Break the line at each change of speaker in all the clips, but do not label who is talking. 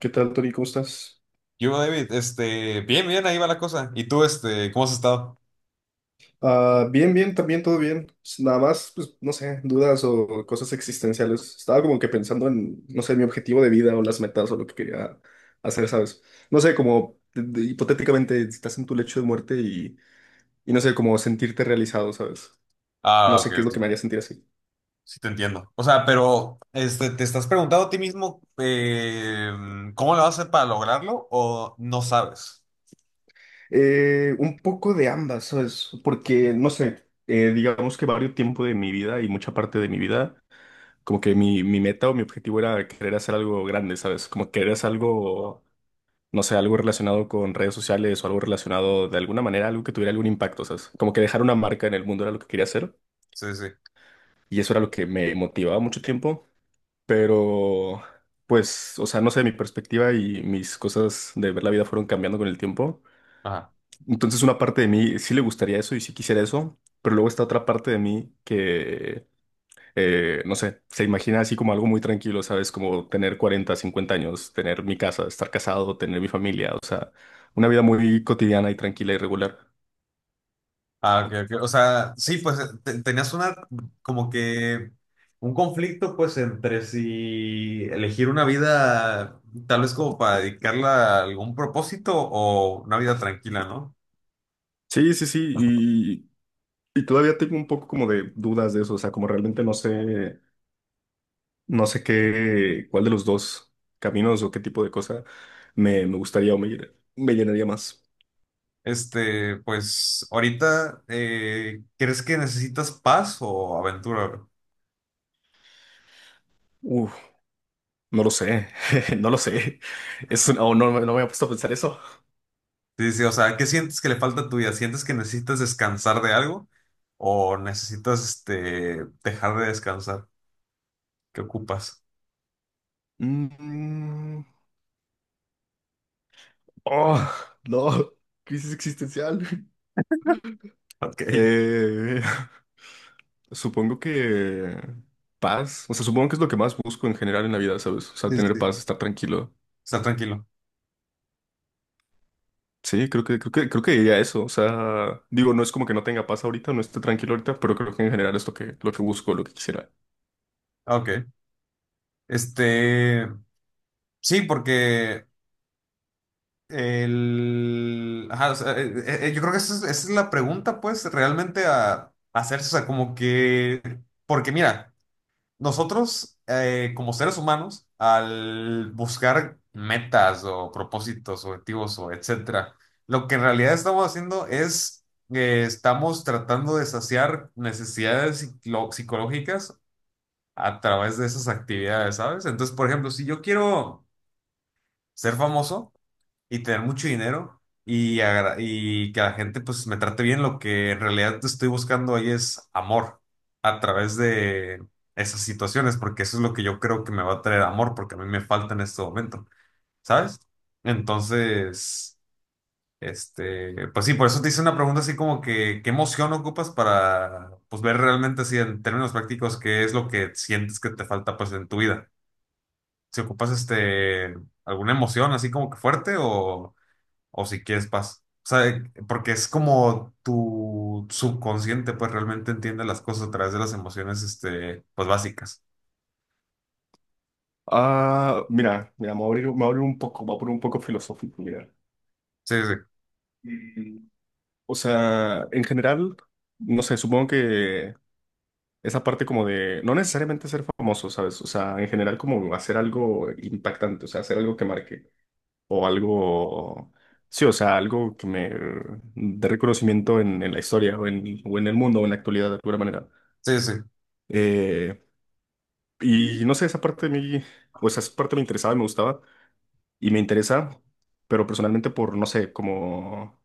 ¿Qué tal, Tori? ¿Cómo estás?
Yo, David, bien, bien, ahí va la cosa. ¿Y tú, cómo has estado?
Ah, bien, bien, también todo bien. Pues, nada más, pues, no sé, dudas o cosas existenciales. Estaba como que pensando en, no sé, mi objetivo de vida o las metas o lo que quería hacer, ¿sabes? No sé, como hipotéticamente si estás en tu lecho de muerte y no sé, como sentirte realizado, ¿sabes? No
Ah, ok,
sé qué es lo que
ok.
me haría sentir así.
Sí te entiendo. O sea, pero, ¿te estás preguntando a ti mismo cómo lo vas a hacer para lograrlo o no sabes?
Un poco de ambas, ¿sabes? Porque, no sé, digamos que varios tiempo de mi vida y mucha parte de mi vida. Como que mi meta o mi objetivo era querer hacer algo grande, ¿sabes? Como querer hacer algo, no sé, algo relacionado con redes sociales o algo relacionado de alguna manera, algo que tuviera algún impacto, ¿sabes? Como que dejar una marca en el mundo era lo que quería hacer
Sí, sí.
y eso era lo que me motivaba mucho tiempo, pero pues, o sea, no sé, mi perspectiva y mis cosas de ver la vida fueron cambiando con el tiempo.
Ajá.
Entonces una parte de mí sí le gustaría eso y sí quisiera eso, pero luego está otra parte de mí que no sé, se imagina así como algo muy tranquilo, ¿sabes? Como tener 40, 50 años, tener mi casa, estar casado, tener mi familia, o sea, una vida muy cotidiana y tranquila y regular.
Ah, ok, ok. O sea, sí, pues tenías una, como que, un conflicto, pues, entre si elegir una vida, tal vez como para dedicarla a algún propósito o una vida tranquila, ¿no?
Sí, sí, sí, y todavía tengo un poco como de dudas de eso, o sea, como realmente no sé, no sé qué, cuál de los dos caminos o qué tipo de cosa me gustaría o me, me llenaría más.
Pues ahorita, ¿crees que necesitas paz o aventura, bro?
Uf, no lo sé, no lo sé. O no, no me he puesto a pensar eso.
Sí, sí, o sea, ¿qué sientes que le falta a tu vida? ¿Sientes que necesitas descansar de algo o necesitas, dejar de descansar? ¿Qué ocupas?
Mm, oh, no, crisis existencial.
Ok.
Eh, supongo que paz, o sea, supongo que es lo que más busco en general en la vida, ¿sabes? O sea,
Sí,
tener
sí.
paz, estar tranquilo.
Estar tranquilo.
Sí, creo que diría eso. O sea, digo, no es como que no tenga paz ahorita, no esté tranquilo ahorita, pero creo que en general es lo que busco, lo que quisiera.
Ah, ok, este, sí, porque ajá, o sea, yo creo que esa es la pregunta, pues, realmente a hacerse, o sea, como que, porque mira. Nosotros, como seres humanos, al buscar metas o propósitos, objetivos o etcétera, lo que en realidad estamos haciendo es que estamos tratando de saciar necesidades psicológicas a través de esas actividades, ¿sabes? Entonces, por ejemplo, si yo quiero ser famoso, y tener mucho dinero y que la gente pues me trate bien. Lo que en realidad estoy buscando ahí es amor a través de esas situaciones, porque eso es lo que yo creo que me va a traer amor, porque a mí me falta en este momento, ¿sabes? Entonces, pues sí, por eso te hice una pregunta así como que, ¿qué emoción ocupas para pues ver realmente así en términos prácticos qué es lo que sientes que te falta pues en tu vida? Si ocupas alguna emoción así como que fuerte o si quieres paz. O sea, porque es como tu subconsciente, pues realmente entiende las cosas a través de las emociones, pues básicas.
Ah, mira, mira, me voy a abrir, me voy a abrir un poco, me voy a poner un poco filosófico, mira.
Sí, sí,
Mm, o sea, en general, no sé, supongo que esa parte como de no necesariamente ser famoso, ¿sabes? O sea, en general como hacer algo impactante, o sea, hacer algo que marque o algo, sí, o sea, algo que me dé reconocimiento en la historia o en el mundo o en la actualidad de alguna manera.
sí, sí,
Eh, y no sé, esa parte de mí, o sea, esa parte me interesaba y me gustaba y me interesa, pero personalmente por, no sé, como...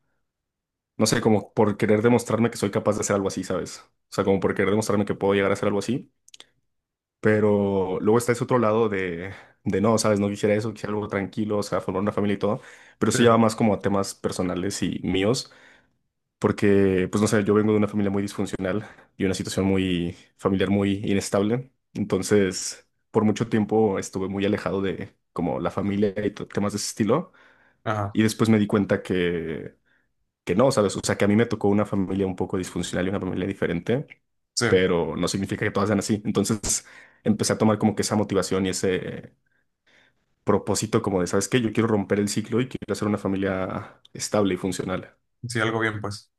No sé, como por querer demostrarme que soy capaz de hacer algo así, ¿sabes? O sea, como por querer demostrarme que puedo llegar a hacer algo así. Pero luego está ese otro lado de no, ¿sabes? No quisiera eso, quisiera algo tranquilo, o sea, formar una familia y todo. Pero
sí.
eso ya va más como a temas personales y míos, porque, pues no sé, yo vengo de una familia muy disfuncional y una situación muy familiar muy inestable. Entonces, por mucho tiempo estuve muy alejado de como la familia y temas de ese estilo.
Ajá,
Y después me di cuenta que no, ¿sabes? O sea, que a mí me tocó una familia un poco disfuncional y una familia diferente
sí,
pero no significa que todas sean así. Entonces empecé a tomar como que esa motivación y ese propósito como de, ¿sabes qué? Yo quiero romper el ciclo y quiero hacer una familia estable y funcional.
sí, algo bien, pues.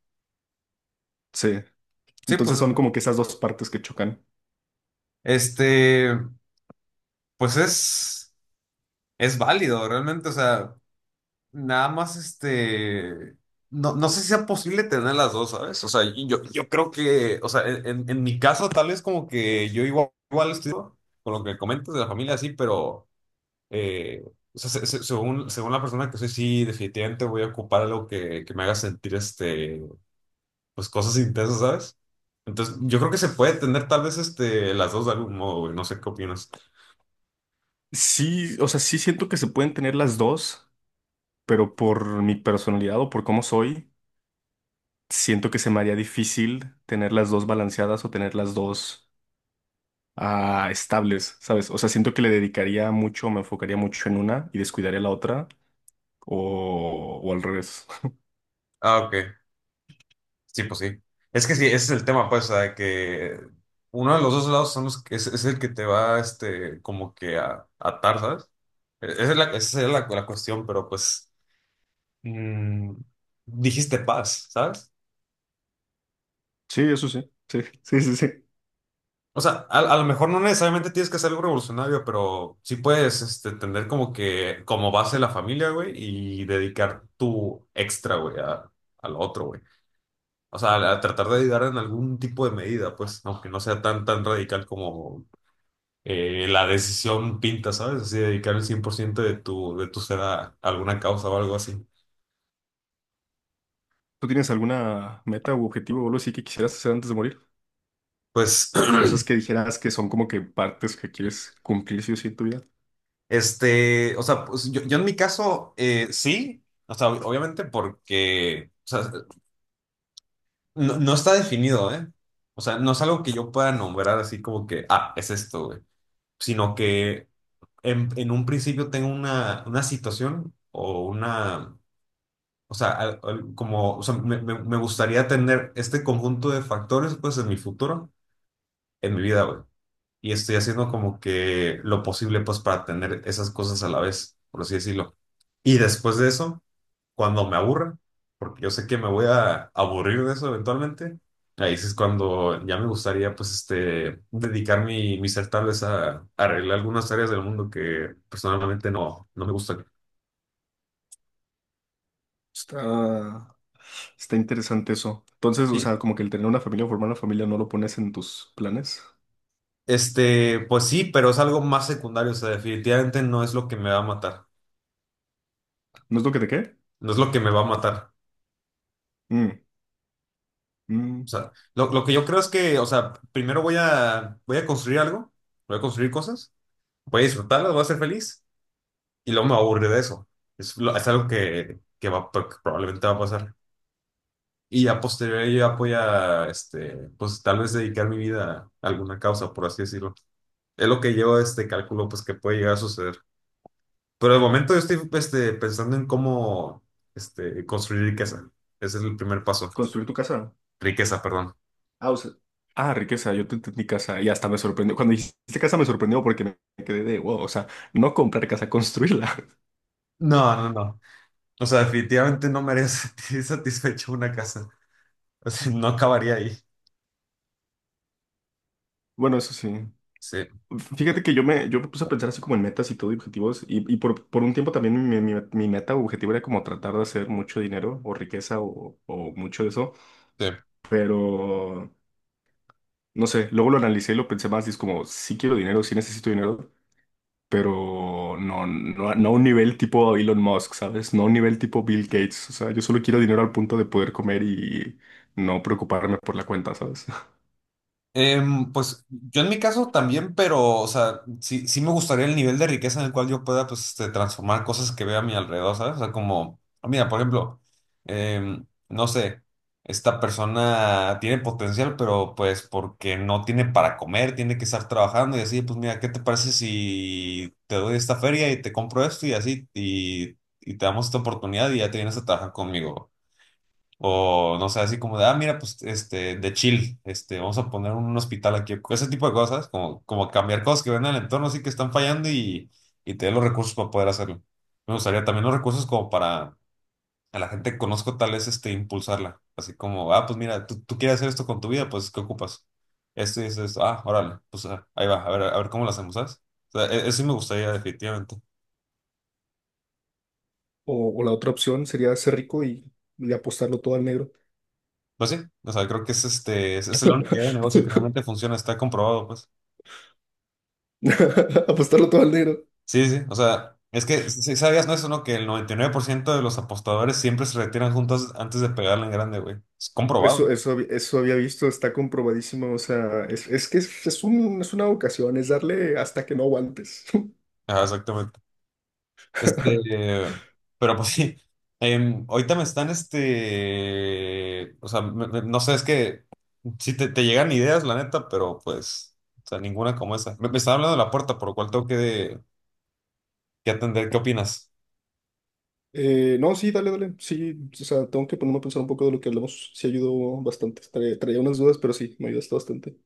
Sí.
Sí, pues,
Entonces son como que esas dos partes que chocan.
este, pues es válido, realmente, o sea, nada más, no sé si sea posible tener las dos, ¿sabes? O sea, y yo creo que, o sea, en mi caso, tal vez como que yo igual, igual estoy con lo que comentas de la familia, sí, pero... Eh, o sea, según, según la persona que soy, sí, definitivamente voy a ocupar algo que me haga sentir, pues cosas intensas, ¿sabes? Entonces, yo creo que se puede tener tal vez, las dos de algún modo, güey. No sé qué opinas.
Sí, o sea, sí siento que se pueden tener las dos, pero por mi personalidad o por cómo soy, siento que se me haría difícil tener las dos balanceadas o tener las dos estables, ¿sabes? O sea, siento que le dedicaría mucho, me enfocaría mucho en una y descuidaría la otra, o al revés.
Ah, ok. Sí, pues sí. Es que sí, ese es el tema, pues, o sea, que uno de los dos lados son los que es el que te va, como que a atar, ¿sabes? Esa es la cuestión, pero pues, mm, dijiste paz, ¿sabes?
Sí, eso sí. Sí, sí, sí, sí.
O sea, a lo mejor no necesariamente tienes que hacer algo revolucionario, pero sí puedes tener como que como base la familia, güey, y dedicar tu extra, güey, a lo otro, güey. O sea, a tratar de ayudar en algún tipo de medida, pues, aunque no sea tan, tan radical como la decisión pinta, ¿sabes? Así, dedicar el 100% de tu ser a alguna causa o algo así.
¿Tú tienes alguna meta u objetivo o algo así que quisieras hacer antes de morir?
Pues,
Cosas que dijeras que son como que partes que quieres cumplir sí o sí en tu vida.
o sea, pues yo en mi caso, sí, o sea, obviamente porque... O sea, No está definido, ¿eh? O sea, no es algo que yo pueda nombrar así como que, ah, es esto, güey. Sino que en un principio tengo una situación o sea, como, o sea, me gustaría tener este conjunto de factores, pues, en mi futuro, en mi vida, güey. Y estoy haciendo como que lo posible, pues, para tener esas cosas a la vez, por así decirlo. Y después de eso cuando me aburra, porque yo sé que me voy a aburrir de eso eventualmente, ahí sí es cuando ya me gustaría, pues, dedicar mi ser tal vez a, arreglar algunas áreas del mundo que personalmente no me gustan.
Está, está interesante eso. Entonces, o
Sí.
sea, como que el tener una familia o formar una familia no lo pones en tus planes.
Pues sí, pero es algo más secundario, o sea, definitivamente no es lo que me va a matar,
¿No es lo que te quede?
no es lo que me va a matar.
Mm,
O
mm.
sea, lo que yo creo es que, o sea, primero voy a construir algo, voy a construir cosas, voy a disfrutarlas, voy a ser feliz. Y luego me va de eso. Es algo que va, que probablemente va a pasar. Y a posteriori yo voy a, pues tal vez dedicar mi vida a alguna causa, por así decirlo. Es lo que yo, calculo, pues que puede llegar a suceder. Pero de momento yo estoy, pensando en cómo, construir riqueza. Ese es el primer paso.
Construir tu casa.
Riqueza, perdón.
Ah, o sea- Ah, riqueza, yo te entendí casa y hasta me sorprendió. Cuando dijiste casa me sorprendió porque me quedé de wow, o sea, no comprar casa, construirla.
No, no, no. O sea, definitivamente no me haría sentir satisfecho una casa. O sea, no acabaría ahí.
Bueno, eso sí.
Sí,
Fíjate que yo me puse a pensar así como en metas y todo, y objetivos, y por un tiempo también mi meta o objetivo era como tratar de hacer mucho dinero o riqueza o mucho de eso,
sí.
pero no sé, luego lo analicé y lo pensé más y es como, sí quiero dinero, sí necesito dinero, pero no, no, no a un nivel tipo Elon Musk, ¿sabes? No a un nivel tipo Bill Gates, o sea, yo solo quiero dinero al punto de poder comer y no preocuparme por la cuenta, ¿sabes?
Pues yo en mi caso también, pero, o sea, sí, sí me gustaría el nivel de riqueza en el cual yo pueda, pues, transformar cosas que veo a mi alrededor, ¿sabes? O sea, como, ah, mira, por ejemplo, no sé, esta persona tiene potencial, pero pues porque no tiene para comer, tiene que estar trabajando y así, pues mira, ¿qué te parece si te doy esta feria y te compro esto y así, y te damos esta oportunidad y ya te vienes a trabajar conmigo? O no sé, así como de, ah, mira, pues de chill, vamos a poner un hospital aquí, ese tipo de cosas, como cambiar cosas que ven en el entorno, así que están fallando y tener los recursos para poder hacerlo. Me gustaría también los recursos como para a la gente que conozco, tal vez impulsarla, así como, ah, pues mira, tú quieres hacer esto con tu vida, pues ¿qué ocupas? Esto y esto, esto. Ah, órale, pues ah, ahí va, a ver cómo lo hacemos, ¿sabes? O sea, eso sí me gustaría definitivamente.
O la otra opción sería ser rico y apostarlo todo al negro.
Pues sí, o sea, creo que es la única idea de negocio que realmente funciona, está comprobado, pues.
Apostarlo todo al negro.
Sí, sí, o sea, es que si sabías, ¿no? Eso, ¿no? Que el 99% de los apostadores siempre se retiran juntos antes de pegarle en grande, güey. Es comprobado, ¿eh?
Eso, eso había visto, está comprobadísimo. O sea, es que es, es una vocación, es darle hasta que no aguantes.
Ajá, exactamente. Este, pero pues sí, ahorita me están, o sea, no sé, es que sí te llegan ideas, la neta, pero pues, o sea, ninguna como esa. Me estaba hablando de la puerta, por lo cual tengo que atender. ¿Qué opinas?
No, sí, dale, dale. Sí, o sea, tengo que ponerme a pensar un poco de lo que hablamos. Sí, ayudó bastante. Traía, unas dudas, pero sí, me ayudaste bastante.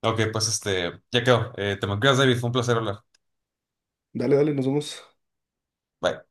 Ok, pues ya quedó. Te me cuidas, David, fue un placer hablar.
Dale, dale, nos vemos.
Bye.